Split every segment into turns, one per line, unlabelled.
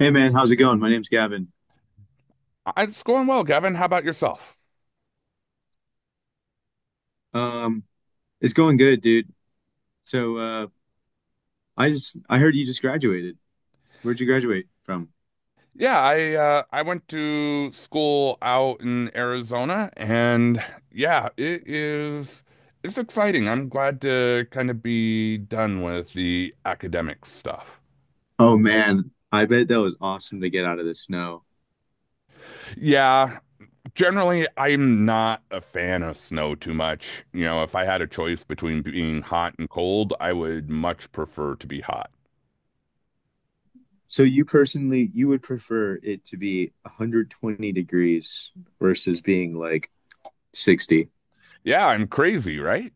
Hey man, how's it going? My name's Gavin.
It's going well, Gavin. How about yourself?
Um, it's going good, dude. So, uh, I heard you just graduated. Where'd you graduate from?
Yeah, I went to school out in Arizona, and yeah, it's exciting. I'm glad to kind of be done with the academic stuff.
Oh man, I bet that was awesome to get out of the snow.
Yeah, generally, I'm not a fan of snow too much. You know, if I had a choice between being hot and cold, I would much prefer to be hot.
So you personally, you would prefer it to be 120 degrees versus being like 60.
Yeah, I'm crazy, right?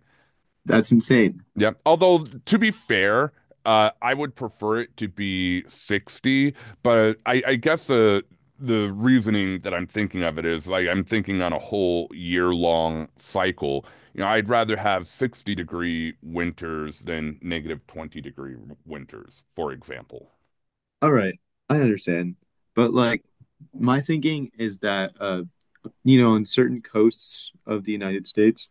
That's insane.
Yeah. Although, to be fair, I would prefer it to be 60, but I guess the reasoning that I'm thinking of it is like I'm thinking on a whole year long cycle. You know, I'd rather have 60-degree winters than negative 20-degree winters, for example.
All right, I understand. But like my thinking is that you know, in certain coasts of the United States,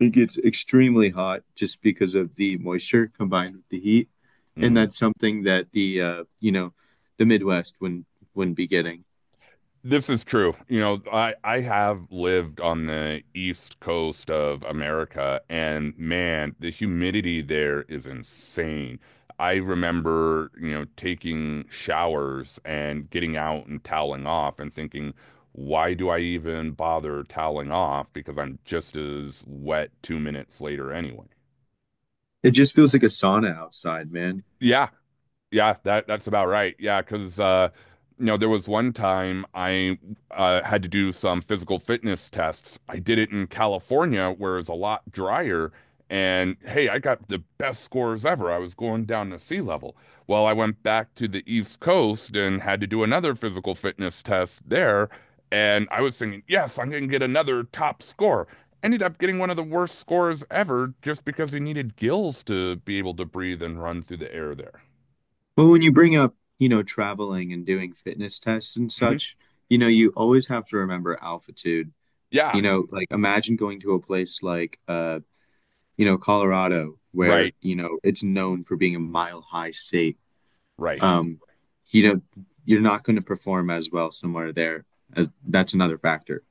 it gets extremely hot just because of the moisture combined with the heat, and
Hmm.
that's something that the you know the Midwest wouldn't be getting.
This is true. You know, I have lived on the east coast of America, and man, the humidity there is insane. I remember, you know, taking showers and getting out and toweling off and thinking, why do I even bother toweling off? Because I'm just as wet 2 minutes later anyway.
It just feels like a sauna outside, man.
Yeah. Yeah, that's about right. Yeah, because you know, there was one time I had to do some physical fitness tests. I did it in California, where it's a lot drier. And hey, I got the best scores ever. I was going down to sea level. Well, I went back to the East Coast and had to do another physical fitness test there. And I was thinking, yes, I'm going to get another top score. Ended up getting one of the worst scores ever just because he needed gills to be able to breathe and run through the air there.
But when you bring up you know traveling and doing fitness tests and such, you know you always have to remember altitude.
Yeah,
You know, like imagine going to a place like you know Colorado
right,
where you know it's known for being a mile high state.
right.
um, you know, you're not going to perform as well somewhere there. As that's another factor.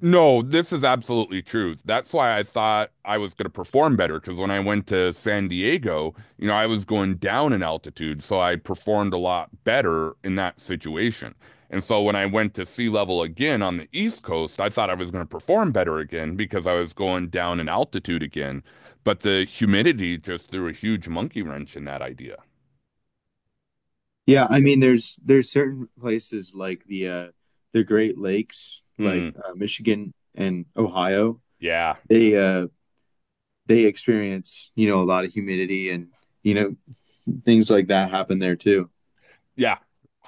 No, this is absolutely true. That's why I thought I was going to perform better because when I went to San Diego, you know, I was going down in altitude, so I performed a lot better in that situation. And so when I went to sea level again on the East Coast, I thought I was going to perform better again because I was going down in altitude again. But the humidity just threw a huge monkey wrench in that idea.
Yeah, I mean, there's certain places like the Great Lakes, like
Mm,
Michigan and Ohio.
yeah.
They uh, they experience you know a lot of humidity and you know things like that happen there too.
Yeah,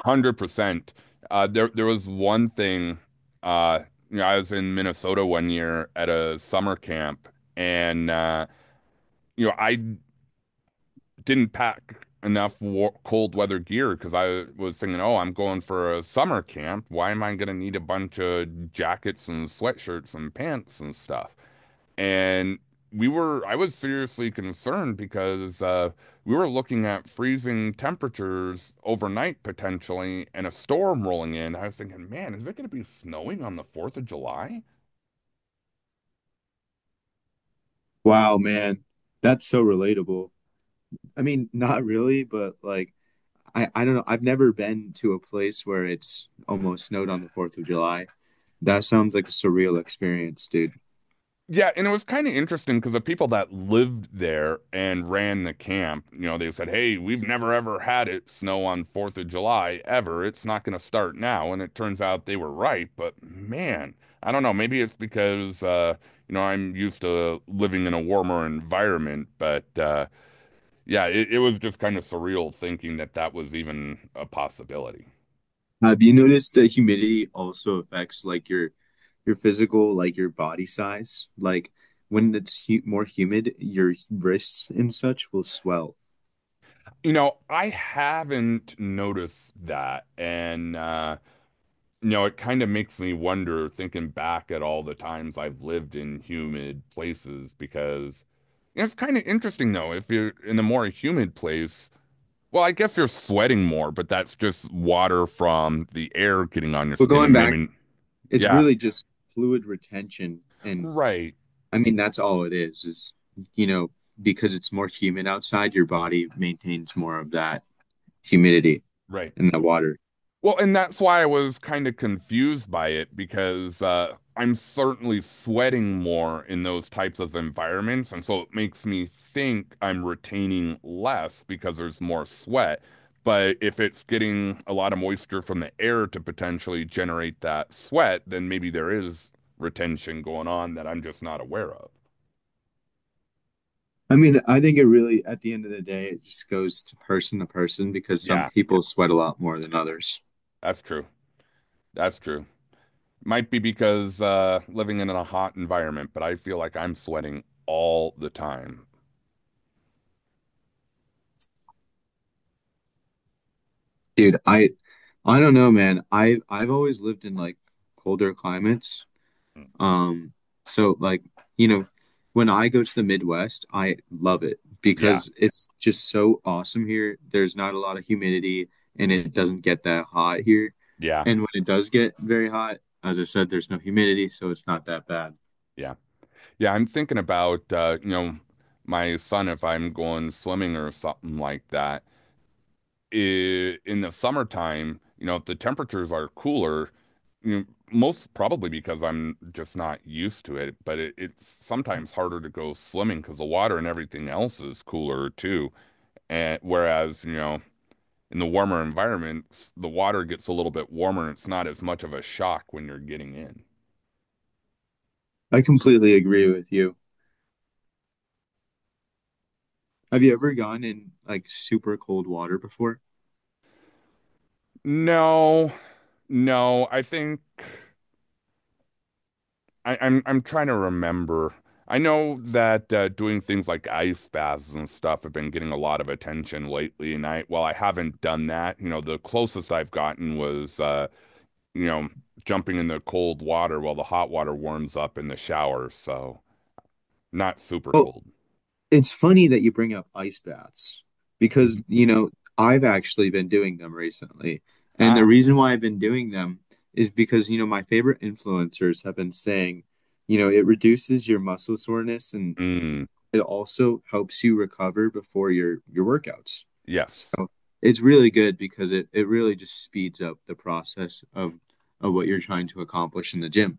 100%. There was one thing, uh, you know, I was in Minnesota one year at a summer camp and you know, I didn't pack enough war cold weather gear because I was thinking, "Oh, I'm going for a summer camp. Why am I going to need a bunch of jackets and sweatshirts and pants and stuff?" And I was seriously concerned because we were looking at freezing temperatures overnight potentially and a storm rolling in. I was thinking, man, is it going to be snowing on the 4th of July?
Wow, man, that's so relatable. I mean, not really, but like I don't know. I've never been to a place where it's almost snowed on the 4th of July. That sounds like a surreal experience, dude.
Yeah, and it was kind of interesting because the people that lived there and ran the camp, you know, they said, "Hey, we've never ever had it snow on 4th of July ever. It's not going to start now." And it turns out they were right, but man, I don't know, maybe it's because you know, I'm used to living in a warmer environment, but yeah, it was just kind of surreal thinking that that was even a possibility.
Have you noticed that humidity also affects like your physical, like your body size? Like when it's hu more humid, your wrists and such will swell.
You know, I haven't noticed that, and you know, it kind of makes me wonder, thinking back at all the times I've lived in humid places, because you know, it's kind of interesting though. If you're in a more humid place, well, I guess you're sweating more, but that's just water from the air getting on your
But
skin
going
and
back,
maybe,
it's
yeah,
really just fluid retention, and
right,
I mean that's all it is. Is you know because it's more humid outside, your body maintains more of that humidity
right.
in the water.
Well, and that's why I was kind of confused by it because I'm certainly sweating more in those types of environments. And so it makes me think I'm retaining less because there's more sweat. But if it's getting a lot of moisture from the air to potentially generate that sweat, then maybe there is retention going on that I'm just not aware of.
I mean, I think it really, at the end of the day, it just goes to person because some
Yeah,
people sweat a lot more than others.
that's true. That's true. Might be because living in a hot environment, but I feel like I'm sweating all the time.
Dude, I don't know, man. I've always lived in like colder climates. Um, so like, you know, when I go to the Midwest, I love it
Yeah,
because it's just so awesome here. There's not a lot of humidity and it doesn't get that hot here.
yeah,
And when it does get very hot, as I said, there's no humidity, so it's not that bad.
yeah, yeah. I'm thinking about you know, my son if I'm going swimming or something like that. I In the summertime, you know, if the temperatures are cooler, you know, most probably because I'm just not used to it, but it's sometimes harder to go swimming because the water and everything else is cooler too. And whereas, you know, in the warmer environments, the water gets a little bit warmer and it's not as much of a shock when you're getting in.
I completely agree with you. Have you ever gone in like super cold water before?
No. No, I think I'm trying to remember. I know that doing things like ice baths and stuff have been getting a lot of attention lately, and I haven't done that. You know, the closest I've gotten was you know, jumping in the cold water while the hot water warms up in the shower, so not super
Oh,
cold.
it's funny that you bring up ice baths because,
Mhm.
you know, I've actually been doing them recently. And the
Ah,
reason why I've been doing them is because, you know, my favorite influencers have been saying, you know, it reduces your muscle soreness and
mm,
it also helps you recover before your workouts.
yes.
So it's really good because it really just speeds up the process of what you're trying to accomplish in the gym.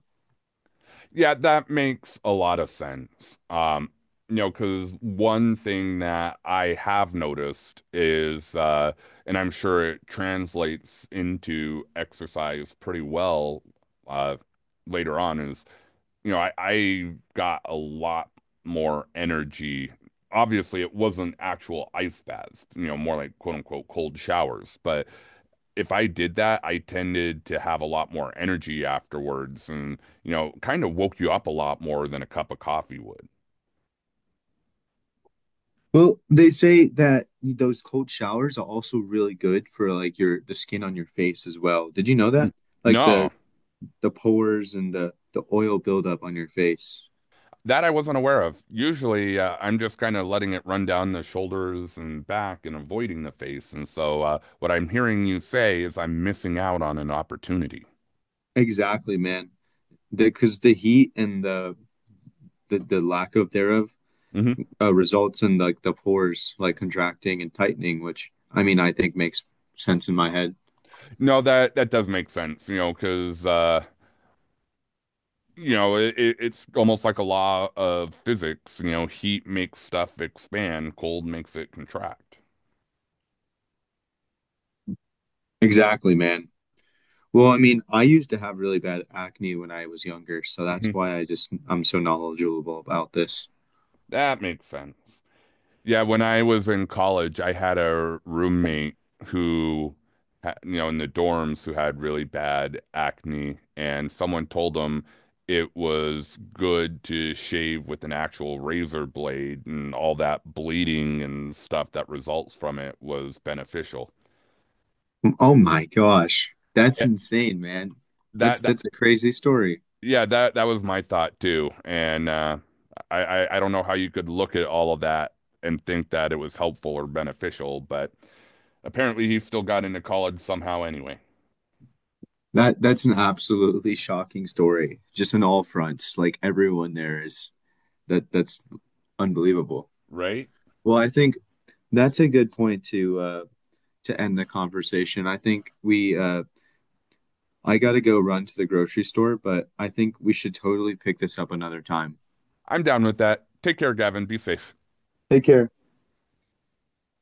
Yeah, that makes a lot of sense. You know, because one thing that I have noticed is, and I'm sure it translates into exercise pretty well, uh, later on, is you know, I got a lot more energy. Obviously, it wasn't actual ice baths, you know, more like quote unquote cold showers. But if I did that, I tended to have a lot more energy afterwards, and you know, kind of woke you up a lot more than a cup of coffee would.
Well, they say that those cold showers are also really good for like your the skin on your face as well. Did you know
Mm.
that? Like
No,
the pores and the oil buildup on your face.
that I wasn't aware of. Usually, I'm just kind of letting it run down the shoulders and back and avoiding the face. And so, what I'm hearing you say is I'm missing out on an opportunity.
Exactly, man. Because the heat and the lack of thereof
Mhm.
results in like the pores like contracting and tightening, which I mean I think makes sense in my head.
No, that that does make sense, you know, because you know, it's almost like a law of physics, you know, heat makes stuff expand, cold makes it contract.
Exactly, man. Well, I mean, I used to have really bad acne when I was younger, so that's
Mhm.
why I'm so knowledgeable about this.
That makes sense. Yeah, when I was in college, I had a roommate who, you know, in the dorms who had really bad acne, and someone told him it was good to shave with an actual razor blade, and all that bleeding and stuff that results from it was beneficial.
Oh my gosh. That's
Yeah,
insane, man. That's
that
that's a crazy story.
yeah, that was my thought too. And I don't know how you could look at all of that and think that it was helpful or beneficial, but apparently he still got into college somehow anyway.
That's an absolutely shocking story. Just on all fronts. Like everyone there is that's unbelievable.
Right?
Well, I think that's a good point to end the conversation. I think we I gotta go run to the grocery store, but I think we should totally pick this up another time.
I'm down with that. Take care, Gavin. Be safe.
Take care.